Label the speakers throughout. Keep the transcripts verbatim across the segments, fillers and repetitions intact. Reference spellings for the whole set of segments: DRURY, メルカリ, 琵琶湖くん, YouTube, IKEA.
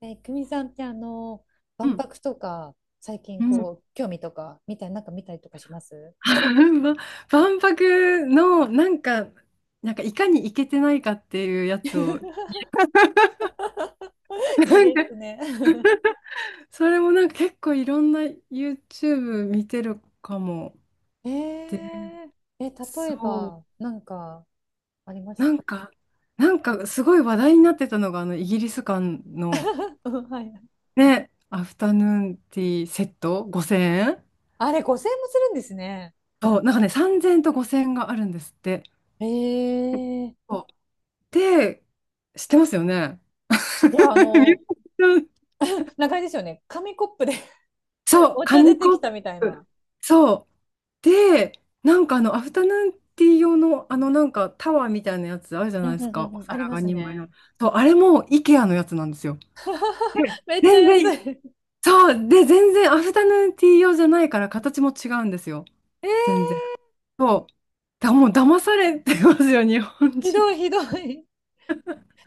Speaker 1: ね、久美さんってあの、
Speaker 2: う
Speaker 1: 万
Speaker 2: ん、
Speaker 1: 博とか、最近
Speaker 2: うん。
Speaker 1: こう、興味とか、みたい、なんか見たりとかします？
Speaker 2: ば万博のなんか、なんかいかにイけてないかっていうやつを、
Speaker 1: いい
Speaker 2: なん
Speaker 1: で
Speaker 2: か。
Speaker 1: すね。
Speaker 2: それもなんか結構いろんな YouTube 見てるかも。
Speaker 1: え
Speaker 2: で、
Speaker 1: ー、え、例え
Speaker 2: そう、
Speaker 1: ば、なんか、ありまし
Speaker 2: な
Speaker 1: た。
Speaker 2: んか、なんかすごい話題になってたのが、あのイギリス館の
Speaker 1: うん、はい。
Speaker 2: ね、アフタヌーンティーセットごせんえん。
Speaker 1: あれ、ごせんえんもするんですね。
Speaker 2: そう、なんかね、さんぜんえんとごせんえんがあるんですって。
Speaker 1: えー、い
Speaker 2: そうで、知ってますよね。
Speaker 1: や、あの、なんかあれですよね。紙コップで
Speaker 2: そう、
Speaker 1: お茶出
Speaker 2: 紙
Speaker 1: て
Speaker 2: コ
Speaker 1: き
Speaker 2: ッ
Speaker 1: たみたいな。
Speaker 2: プ。そう。で、なんかあの、アフタヌーンティー用の、あの、なんかタワーみたいなやつあるじゃ
Speaker 1: う
Speaker 2: な
Speaker 1: ん
Speaker 2: いです
Speaker 1: うんう
Speaker 2: か。
Speaker 1: ん
Speaker 2: お
Speaker 1: うん、あり
Speaker 2: 皿
Speaker 1: ま
Speaker 2: が
Speaker 1: す
Speaker 2: にまいの。
Speaker 1: ね。
Speaker 2: そう、あれも IKEA のやつなんですよ。で、
Speaker 1: めっちゃ
Speaker 2: 全
Speaker 1: 安
Speaker 2: 然、
Speaker 1: い。
Speaker 2: そう。で、全然アフタヌーンティー用じゃないから形も違うんですよ。
Speaker 1: え
Speaker 2: 全
Speaker 1: ー、
Speaker 2: 然。そう。だ、もう騙されてますよ、日本
Speaker 1: ひ
Speaker 2: 人。
Speaker 1: どい、ひどい。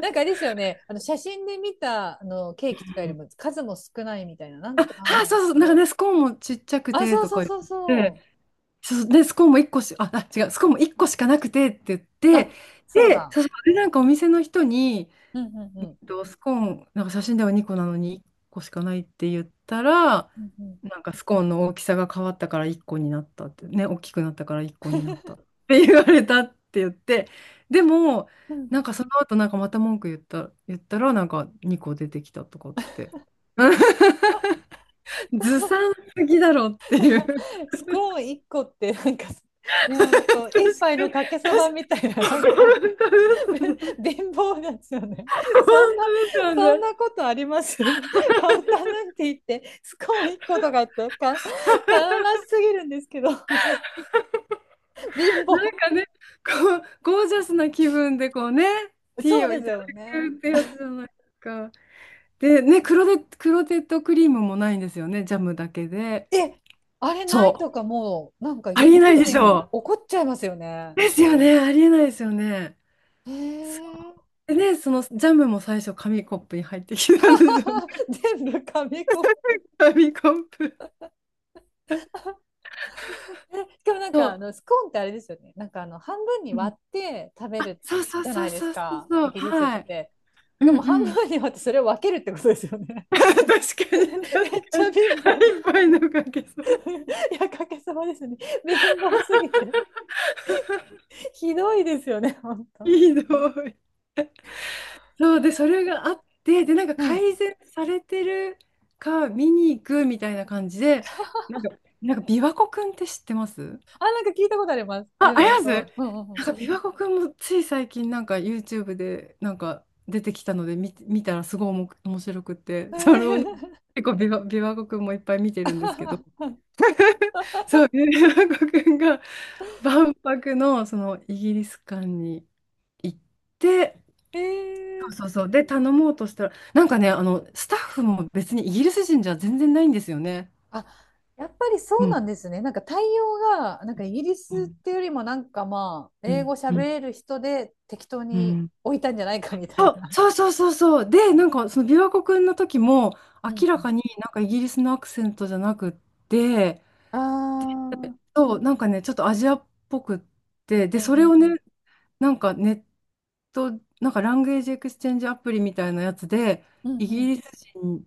Speaker 1: なんかあれですよね、あの写真で見たあのケーキとかよりも数も少ないみたいな、なん
Speaker 2: あ、そ
Speaker 1: か、
Speaker 2: うそう。なんかね、スコーンもちっちゃく
Speaker 1: あ、
Speaker 2: て
Speaker 1: そう
Speaker 2: と
Speaker 1: そ
Speaker 2: か
Speaker 1: う
Speaker 2: 言
Speaker 1: そうそ
Speaker 2: って。
Speaker 1: う、
Speaker 2: そう、で、スコーンもいっこし、あ、あ違う、スコーンもいっこしかなくてって言って、
Speaker 1: あ、そう
Speaker 2: で、
Speaker 1: だ、
Speaker 2: そうそうで、なんかお店の人に、
Speaker 1: うんうんうん、
Speaker 2: どスコーン、なんか写真ではにこなのにいっこしかないって言ったら、
Speaker 1: うんう
Speaker 2: なんかスコーンの大きさが変わったからいっこになったって、ね、大きくなったからいっこになったって言われたって言って、でも、
Speaker 1: ん、うん。
Speaker 2: なんかその後なんかまた文句言った、言ったら、なんかにこ出てきたとかって。ずさんすぎだろっていう。
Speaker 1: スコーンいっこって、なんか、ね、ほ
Speaker 2: 確かに、確本
Speaker 1: んと、
Speaker 2: 当
Speaker 1: 一
Speaker 2: で
Speaker 1: 杯のかけそばみたいな、なんか、
Speaker 2: すね。
Speaker 1: べ貧乏なんですよね。
Speaker 2: 本当
Speaker 1: そんな、
Speaker 2: ですよ
Speaker 1: そん
Speaker 2: ね。
Speaker 1: なことありますハ フタヌーンティーって、スコーンいっことかってか、悲しすぎるんですけど、貧
Speaker 2: なん
Speaker 1: 乏。
Speaker 2: かね、こう、ゴージャスな気分でこうね、ティ
Speaker 1: そう
Speaker 2: ーを
Speaker 1: で
Speaker 2: い
Speaker 1: す
Speaker 2: ただ
Speaker 1: よね。
Speaker 2: くってやつじゃないですか。で、ね、クロテ、クロテッドクリームもないんですよね、ジャムだけで。
Speaker 1: え、あれない
Speaker 2: そう、
Speaker 1: とかもう、なんかイ
Speaker 2: あ
Speaker 1: ギ
Speaker 2: り
Speaker 1: リ
Speaker 2: えな
Speaker 1: ス
Speaker 2: いでし
Speaker 1: 人
Speaker 2: ょ
Speaker 1: 怒っちゃいますよね。
Speaker 2: う。ですよね、ありえないですよね。
Speaker 1: へ
Speaker 2: そ
Speaker 1: え。
Speaker 2: うでね、そのジャムも最初、紙コップに入ってきたんですよね。
Speaker 1: 全部紙コップ。
Speaker 2: 紙コップ。
Speaker 1: えしかもなん
Speaker 2: そ
Speaker 1: かあ
Speaker 2: う。
Speaker 1: のスコーンってあれですよね。なんかあの半分に
Speaker 2: うん、
Speaker 1: 割って食べ
Speaker 2: あ、
Speaker 1: る
Speaker 2: そうそう
Speaker 1: じゃ
Speaker 2: そ
Speaker 1: な
Speaker 2: う
Speaker 1: いで
Speaker 2: そ
Speaker 1: す
Speaker 2: うそう
Speaker 1: か、
Speaker 2: そ
Speaker 1: イ
Speaker 2: う。
Speaker 1: ギリスっ
Speaker 2: はい。
Speaker 1: て。
Speaker 2: う
Speaker 1: だから
Speaker 2: ん
Speaker 1: もう半
Speaker 2: うん。
Speaker 1: 分に割ってそれを分けるってことですよね。
Speaker 2: 確かに、
Speaker 1: め
Speaker 2: 確
Speaker 1: っち
Speaker 2: か
Speaker 1: ゃ
Speaker 2: に。
Speaker 1: 貧
Speaker 2: 腹
Speaker 1: 乏。
Speaker 2: いっぱいのかけそう。
Speaker 1: いや、かけさまですね。貧乏すぎて。ひどいですよね、本
Speaker 2: い
Speaker 1: 当。
Speaker 2: いの、そう、で、それがあって、で、なんか
Speaker 1: はい。
Speaker 2: 改善されてるか見に行くみたいな感じで、なんか、なんか琵琶湖くんって知ってます？
Speaker 1: あ、なんか聞いたことあります。美
Speaker 2: あ、あ
Speaker 1: 容
Speaker 2: り
Speaker 1: と
Speaker 2: ます、な
Speaker 1: か。うんうん
Speaker 2: んか琵琶湖くんもつい最近なんか YouTube でなんか出てきたので見、見たらすごいおも面白くて、
Speaker 1: うん。
Speaker 2: それをね、
Speaker 1: え
Speaker 2: 結構琵琶、琵琶湖くんもいっぱい見てるんですけど、
Speaker 1: ー
Speaker 2: そう、琵琶湖くんが万博のそのイギリス館に行って、
Speaker 1: え
Speaker 2: そ
Speaker 1: え、
Speaker 2: うそうそう、で、頼もうとしたら、なんかね、あの、スタッフも別にイギリス人じゃ全然ないんですよね。
Speaker 1: あ、やっぱりそ
Speaker 2: う
Speaker 1: うな
Speaker 2: ん、
Speaker 1: んですね。なんか対応が、なんかイギリ
Speaker 2: う
Speaker 1: スっ
Speaker 2: ん、
Speaker 1: ていうよりもなんか、まあ、
Speaker 2: う
Speaker 1: 英
Speaker 2: ん、
Speaker 1: 語喋
Speaker 2: うん、
Speaker 1: れる人で適当
Speaker 2: う
Speaker 1: に
Speaker 2: ん。
Speaker 1: 置いたんじゃないかみたいな。
Speaker 2: そうそうそうそうそう。で、なんかその琵琶湖くんの時も
Speaker 1: うんう
Speaker 2: 明ら
Speaker 1: ん。
Speaker 2: かになんかイギリスのアクセントじゃなくって、
Speaker 1: ああ、うん
Speaker 2: そう、なんかね、ちょっとアジアっぽくって、
Speaker 1: う
Speaker 2: で、
Speaker 1: ん
Speaker 2: そ
Speaker 1: う
Speaker 2: れをね、
Speaker 1: ん。
Speaker 2: なんかネット、なんかランゲージエクスチェンジアプリみたいなやつで、
Speaker 1: うん
Speaker 2: イギ
Speaker 1: うん。
Speaker 2: リス人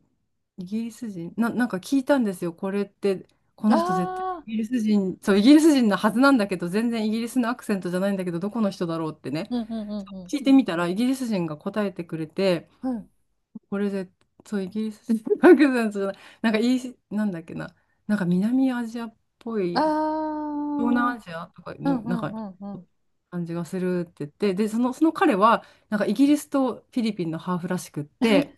Speaker 2: イギリス人な、なんか聞いたんですよ。これって、こ
Speaker 1: あ
Speaker 2: の人絶対
Speaker 1: あ、
Speaker 2: イギリス人、そう、イギリス人のはずなんだけど、全然イギリスのアクセントじゃないんだけど、どこの人だろうってね、
Speaker 1: うんうんうん
Speaker 2: 聞いてみたら、イギリス人が答えてくれて、
Speaker 1: うん。うん。
Speaker 2: これで、そう、イギリス人のアクセントじゃない、なんかイース、なんだっけな、なんか南アジアっぽ
Speaker 1: あ
Speaker 2: い、
Speaker 1: あ、
Speaker 2: 東
Speaker 1: うん
Speaker 2: 南アジアとか
Speaker 1: う
Speaker 2: の、なん
Speaker 1: ん
Speaker 2: か、
Speaker 1: うんうん。
Speaker 2: 感じがするって言って、で、その、その彼は、なんかイギリスとフィリピンのハーフらしくって、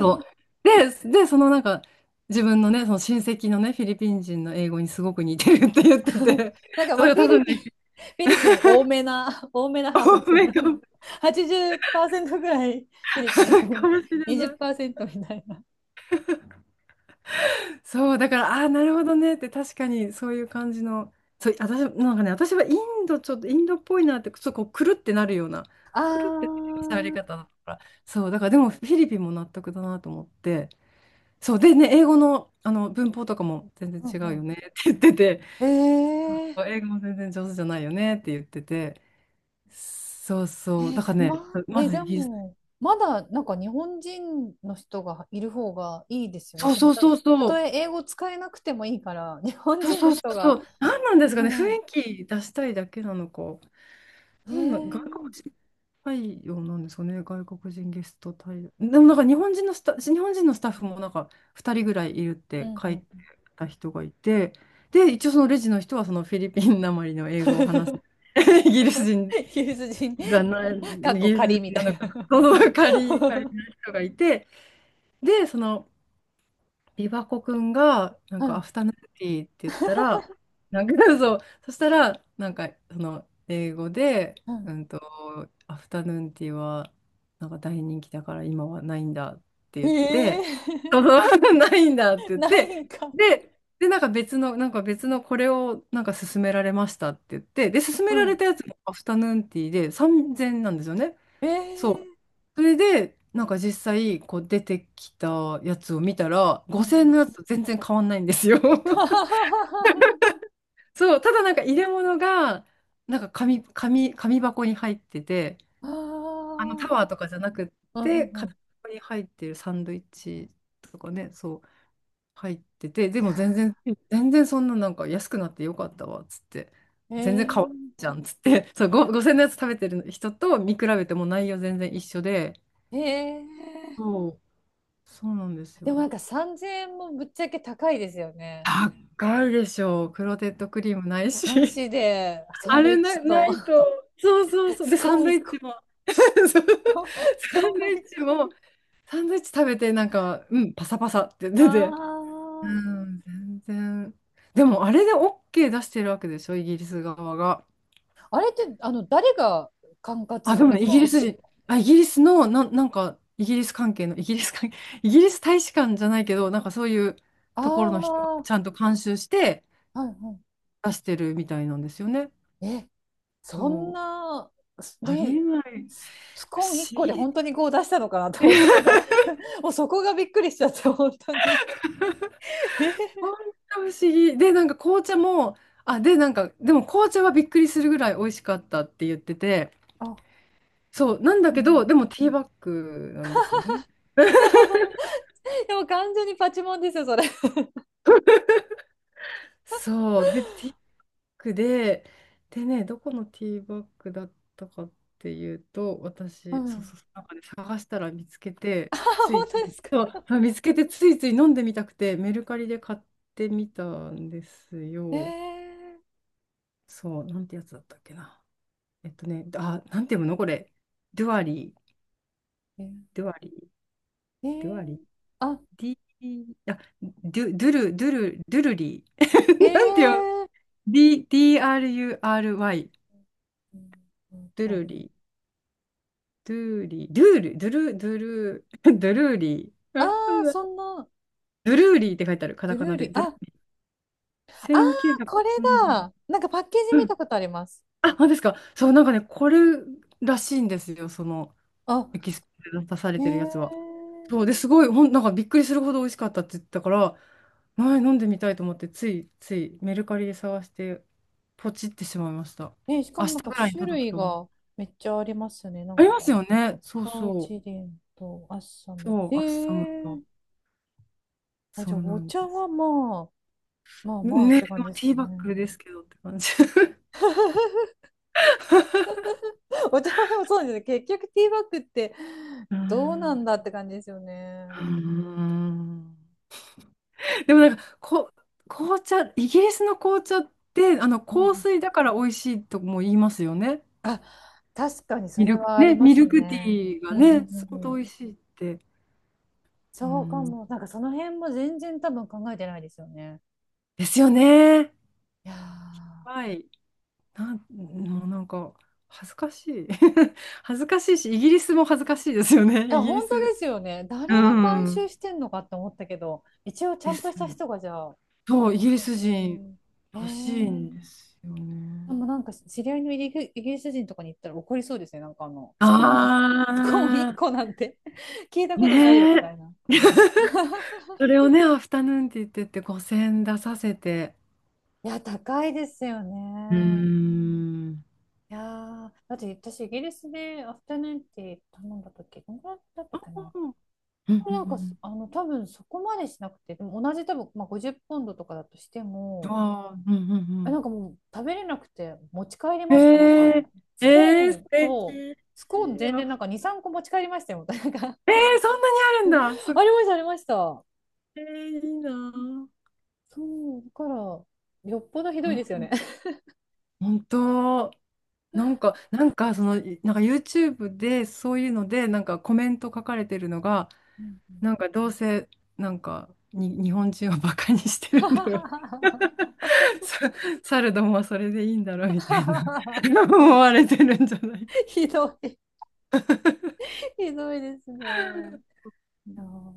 Speaker 2: そう。で、で、そのなんか、自分のね、その親戚のね、フィリピン人の英語にすごく似てるって言って て、
Speaker 1: なんか
Speaker 2: そ
Speaker 1: まあ、
Speaker 2: れが
Speaker 1: フ
Speaker 2: 多
Speaker 1: ィ
Speaker 2: 分
Speaker 1: リピン、フ
Speaker 2: ね、
Speaker 1: ィリピン多めな、多めなハーフで
Speaker 2: 多
Speaker 1: すよ
Speaker 2: めか
Speaker 1: ね。
Speaker 2: も、
Speaker 1: はちじゅっパーセントぐらいフィリピ
Speaker 2: か
Speaker 1: ン、
Speaker 2: もしれない。
Speaker 1: にじっパーセントみたいな。
Speaker 2: そう、だから、ああ、なるほどねって、確かにそういう感じの、そう、私、なんかね、私はインド、ちょっとインドっぽいなって、ちょっとこう、くるってなるような、
Speaker 1: あ
Speaker 2: くるってなる喋り
Speaker 1: ー、
Speaker 2: 方だから、そう、だからでも、フィリピンも納得だなと思って、そう、でね、英語の、あの文法とかも全然
Speaker 1: う
Speaker 2: 違
Speaker 1: ん
Speaker 2: うよ
Speaker 1: う
Speaker 2: ねって言ってて、
Speaker 1: ん。えー、
Speaker 2: 英語も全然上手じゃないよねって言ってて。そうそう。だ
Speaker 1: え
Speaker 2: から
Speaker 1: まあ、
Speaker 2: ね、ま
Speaker 1: え
Speaker 2: ずイ
Speaker 1: で
Speaker 2: ギリス。
Speaker 1: も、まだなんか日本人の人がいる方がいいですよね。
Speaker 2: そう
Speaker 1: その
Speaker 2: そう
Speaker 1: た、
Speaker 2: そう
Speaker 1: た
Speaker 2: そ
Speaker 1: と
Speaker 2: う。
Speaker 1: え英語使えなくてもいいから、日本
Speaker 2: そう
Speaker 1: 人
Speaker 2: そ
Speaker 1: の
Speaker 2: うそ
Speaker 1: 人
Speaker 2: うそ
Speaker 1: が、
Speaker 2: う。何なんですかね。雰
Speaker 1: ね
Speaker 2: 囲気出したいだけなのか。
Speaker 1: え、え
Speaker 2: なんなん外国
Speaker 1: ー、
Speaker 2: 人対応なんですかね。外国人ゲスト対応。でもなんか日本人のスタ、日本人のスタッフもなんかふたりぐらいいるっ
Speaker 1: う
Speaker 2: て
Speaker 1: ん
Speaker 2: 書
Speaker 1: う
Speaker 2: いて
Speaker 1: ん。
Speaker 2: た人がいて、で、一応そのレジの人はそのフィリピンなまりの英語を話す。イギリス 人
Speaker 1: ユーズ人、
Speaker 2: じゃない、イ
Speaker 1: かっこ
Speaker 2: ギリス
Speaker 1: 仮みた
Speaker 2: 人
Speaker 1: い
Speaker 2: なのかな、そ
Speaker 1: な。
Speaker 2: の仮、仮の人がいて、で、その、琵琶湖くんが、なん
Speaker 1: う
Speaker 2: か、ア
Speaker 1: ん。
Speaker 2: フタヌーンティーって言ったら、なんか。 そう、そしたら、なんか、その、英語で、
Speaker 1: う
Speaker 2: う
Speaker 1: ん、
Speaker 2: んと、アフタヌーンティーは、なんか大人気だから今はないんだって言って、そう。
Speaker 1: ええ
Speaker 2: ないんだって言
Speaker 1: ー
Speaker 2: っ
Speaker 1: な
Speaker 2: て、
Speaker 1: いんか。
Speaker 2: で、で、なんか別の、なんか別のこれをなんか勧められましたって言って、で、勧め
Speaker 1: う
Speaker 2: られ
Speaker 1: ん、
Speaker 2: たやつもアフタヌーンティーでさんぜんなんですよね。
Speaker 1: ええ
Speaker 2: そう。
Speaker 1: ー、
Speaker 2: それで、なんか実際、こう出てきたやつを見たら、
Speaker 1: うんう
Speaker 2: ごせんえんの
Speaker 1: ん、
Speaker 2: やつと全然変わんないんですよ。
Speaker 1: はははは。
Speaker 2: そう、ただなんか入れ物が、なんか紙、紙、紙箱に入ってて、あのタワー とかじゃなくっ
Speaker 1: ああ、うん
Speaker 2: て、
Speaker 1: うんう
Speaker 2: 紙
Speaker 1: ん、
Speaker 2: 箱に入ってるサンドイッチとかね、そう、入ってて、で
Speaker 1: いや
Speaker 2: も全然、全然そんななんか安くなってよかったわ、つって、全然変わん
Speaker 1: ー、
Speaker 2: じゃん、つって、そう、ごごせんのやつ食べてる人と見比べても内容全然一緒で、
Speaker 1: ええええ、
Speaker 2: そうそうなんです
Speaker 1: でも
Speaker 2: よ。
Speaker 1: なんかさんぜんえんもぶっちゃけ高いですよね。
Speaker 2: 高いでしょう。クロテッドクリームない
Speaker 1: な
Speaker 2: し。
Speaker 1: しで、サ
Speaker 2: あ
Speaker 1: ンドイ
Speaker 2: れ
Speaker 1: ッチ
Speaker 2: な、な
Speaker 1: と
Speaker 2: いと。そうそう そう。
Speaker 1: ス
Speaker 2: で、サ
Speaker 1: コー
Speaker 2: ン
Speaker 1: ン
Speaker 2: ドイ
Speaker 1: 1
Speaker 2: ッ
Speaker 1: 個。
Speaker 2: チも。そう
Speaker 1: ス
Speaker 2: サン
Speaker 1: コ
Speaker 2: ド
Speaker 1: ーン
Speaker 2: イ
Speaker 1: 1
Speaker 2: ッチ
Speaker 1: 個。
Speaker 2: も、サンドイッチ食べて、なんか、うん、パサパサって
Speaker 1: あ
Speaker 2: 出て。う
Speaker 1: あ。
Speaker 2: ん、全然。でも、あれで OK 出してるわけでしょ、イギリス側が。
Speaker 1: あれって、あの、誰が管轄
Speaker 2: あ、
Speaker 1: っ
Speaker 2: でも
Speaker 1: て
Speaker 2: ね、イギリ
Speaker 1: か。
Speaker 2: ス人、あ、イギリスの、ななんか、イギリス関係の、イギリス関係、イギリス大使館じゃないけど、なんかそういう
Speaker 1: あ
Speaker 2: ところの人が
Speaker 1: あ、は
Speaker 2: ちゃんと監修して、
Speaker 1: いは
Speaker 2: 出してるみたいなんですよね。
Speaker 1: い。そん
Speaker 2: そう。
Speaker 1: な、
Speaker 2: ありえ
Speaker 1: ね、
Speaker 2: ない。
Speaker 1: ス
Speaker 2: 不
Speaker 1: コーン1
Speaker 2: 思
Speaker 1: 個で
Speaker 2: 議。
Speaker 1: 本当にこう出したのかなと思って、今、もうそこがびっくりしちゃって、本当に。え
Speaker 2: 本当不思議。で、なんか紅茶も、あ、で、なんか、でも紅茶はびっくりするぐらい美味しかったって言ってて、
Speaker 1: あ、
Speaker 2: そう、なんだ
Speaker 1: うんう
Speaker 2: けど、
Speaker 1: ん。
Speaker 2: でもティーバッグなんですよね。
Speaker 1: いや、ほんでも完全にパチモンですよ、それ。
Speaker 2: そう。で、ティクで、でね、どこのティーバッグだったかっていうと、
Speaker 1: う
Speaker 2: 私、そう
Speaker 1: ん。
Speaker 2: そう、なんかね、探したら見つけて、
Speaker 1: あ、
Speaker 2: つ
Speaker 1: 本
Speaker 2: い、
Speaker 1: 当ですか。
Speaker 2: そうそう見つけてついつい飲んでみたくて、メルカリで買ってみたんです
Speaker 1: え
Speaker 2: よ。
Speaker 1: え
Speaker 2: そう、なんてやつだったっけな。えっとね、あ、なんて読むのこれ。ドゥアリー、
Speaker 1: え
Speaker 2: ドゥアリー、
Speaker 1: え、
Speaker 2: ドゥアリー、
Speaker 1: あ、
Speaker 2: D、あ、ドゥ、ドゥル、ドゥル、ドゥルリー。なんて読む
Speaker 1: ええ、
Speaker 2: D、ディーアールユーアールワイ、
Speaker 1: うんうん
Speaker 2: ドゥ
Speaker 1: うん。
Speaker 2: ルリー。ドゥーリー、ドゥール、ドゥル、ドゥル、ドゥルーリー。わか
Speaker 1: あ
Speaker 2: ん
Speaker 1: ー、
Speaker 2: ない。
Speaker 1: そんな、
Speaker 2: ドゥルーリーって書いてある、カ
Speaker 1: ジ
Speaker 2: タ
Speaker 1: ュル
Speaker 2: カ
Speaker 1: ー
Speaker 2: ナ
Speaker 1: リ
Speaker 2: で。
Speaker 1: ー、
Speaker 2: ドゥルー
Speaker 1: あ、
Speaker 2: リー。
Speaker 1: ああ、これ
Speaker 2: せんきゅうひゃくさんじゅう。
Speaker 1: だ。なんかパッケージ
Speaker 2: う
Speaker 1: 見た
Speaker 2: ん。
Speaker 1: ことあります。
Speaker 2: あ、本当ですか。そう、なんかね、これらしいんですよ、その、
Speaker 1: あ、
Speaker 2: エキスポで出され
Speaker 1: え
Speaker 2: てるやつは。
Speaker 1: え、
Speaker 2: そう、で、すごい、ほん、なんかびっくりするほど美味しかったって言ったから、前飲んでみたいと思って、つい、つい、メルカリで探して、ポチってしまいました。
Speaker 1: ね、しか
Speaker 2: 明
Speaker 1: も
Speaker 2: 日
Speaker 1: なんか
Speaker 2: ぐらいに
Speaker 1: 種
Speaker 2: 届く
Speaker 1: 類
Speaker 2: と思う。
Speaker 1: がめっちゃありますね。な
Speaker 2: あ
Speaker 1: ん
Speaker 2: ります
Speaker 1: か、
Speaker 2: よね。そう
Speaker 1: パウ
Speaker 2: そう。
Speaker 1: チデンとアッサム。
Speaker 2: そう、
Speaker 1: え
Speaker 2: アッサムと。
Speaker 1: ー、あ、
Speaker 2: そ
Speaker 1: じゃあ
Speaker 2: うな
Speaker 1: お
Speaker 2: ん
Speaker 1: 茶
Speaker 2: で
Speaker 1: は
Speaker 2: す。
Speaker 1: まあ、まあまあっ
Speaker 2: ね、
Speaker 1: て感
Speaker 2: も
Speaker 1: じで
Speaker 2: う
Speaker 1: す
Speaker 2: ティ
Speaker 1: か
Speaker 2: ーバッ
Speaker 1: ね。
Speaker 2: グですけどって感じ。
Speaker 1: お茶はでもそうですね。結局ティーバッグって
Speaker 2: うー
Speaker 1: どうなん
Speaker 2: ん。
Speaker 1: だって感じですよね。
Speaker 2: うーん、でもなんかこ、紅茶、イギリスの紅茶ってあの
Speaker 1: う
Speaker 2: 香
Speaker 1: ん。
Speaker 2: 水だから美味しいとも言いますよね。
Speaker 1: あ、確かにそ
Speaker 2: ミ
Speaker 1: れ
Speaker 2: ルク、
Speaker 1: はあり
Speaker 2: ね、
Speaker 1: ま
Speaker 2: ミ
Speaker 1: す
Speaker 2: ルクテ
Speaker 1: ね。
Speaker 2: ィー
Speaker 1: う
Speaker 2: が
Speaker 1: んう
Speaker 2: ね、
Speaker 1: んうん
Speaker 2: 相
Speaker 1: う
Speaker 2: 当美
Speaker 1: ん。
Speaker 2: 味しいって。う
Speaker 1: そうか
Speaker 2: ん、
Speaker 1: も。なんかその辺も全然多分考えてないですよね。
Speaker 2: ですよね。
Speaker 1: いやー。
Speaker 2: はい。なん、もうなんか恥ずかしい。恥ずかしいし、イギリスも恥ずかしいですよね、
Speaker 1: いや、
Speaker 2: イギリ
Speaker 1: 本当
Speaker 2: ス。
Speaker 1: ですよね。
Speaker 2: う
Speaker 1: 誰が監修
Speaker 2: ん。
Speaker 1: してんのかって思ったけど、一応ちゃ
Speaker 2: で
Speaker 1: んと
Speaker 2: す。
Speaker 1: した人がじゃあ、
Speaker 2: そう、イギリ
Speaker 1: 監
Speaker 2: ス
Speaker 1: 修。
Speaker 2: 人
Speaker 1: え
Speaker 2: らしいん
Speaker 1: ー、
Speaker 2: ですよ
Speaker 1: で
Speaker 2: ね。
Speaker 1: もなんか知り合いのイギリイギリス人とかに行ったら怒りそうですね。なんかあの、スコーン、スコーン1
Speaker 2: あ
Speaker 1: 個なんて 聞いた
Speaker 2: ー、
Speaker 1: ことないよ
Speaker 2: ね
Speaker 1: み
Speaker 2: え。
Speaker 1: たいな。
Speaker 2: それをね、アフタヌーンって言ってってごせん出させて。
Speaker 1: いや、高いですよ
Speaker 2: う
Speaker 1: ね。
Speaker 2: ーん。
Speaker 1: いやー、だって私イギリスでアフタヌーンティー頼んだ時、どんぐらいだったっけ
Speaker 2: あ
Speaker 1: な。
Speaker 2: うん
Speaker 1: でも
Speaker 2: う
Speaker 1: なんか、
Speaker 2: ん
Speaker 1: あの、多分そこまでしなくて、でも同じ多分、まあ、ごじゅうポンドとかだとして
Speaker 2: うん
Speaker 1: も、
Speaker 2: あーうんう
Speaker 1: え、なん
Speaker 2: ん
Speaker 1: かもう食べれなくて持ち帰り
Speaker 2: うん
Speaker 1: ましたもん。あ
Speaker 2: えー、
Speaker 1: の、ス
Speaker 2: えー、
Speaker 1: コー
Speaker 2: 素
Speaker 1: ン、そう、
Speaker 2: 敵。
Speaker 1: スコーン
Speaker 2: い
Speaker 1: 全
Speaker 2: や、
Speaker 1: 然なんかに、さんこ持ち帰りましたよ。なんか
Speaker 2: えー、そんなにあ
Speaker 1: あ
Speaker 2: る
Speaker 1: りま
Speaker 2: んだ。すごい、
Speaker 1: した、ありました。
Speaker 2: えーいいなぁ。
Speaker 1: そう、だから、よっぽどひどいですよね。
Speaker 2: 本当、なんか、なんか、その、いなんか YouTube でそういうので、なんかコメント書かれてるのが、
Speaker 1: うんうん
Speaker 2: なんかどうせなんかに日本人をバカにしてるんだろう。 さ猿どもはそれでいいんだろうみたいな。 思われてるんじゃないか。
Speaker 1: ひどい、ひどいですね。いやー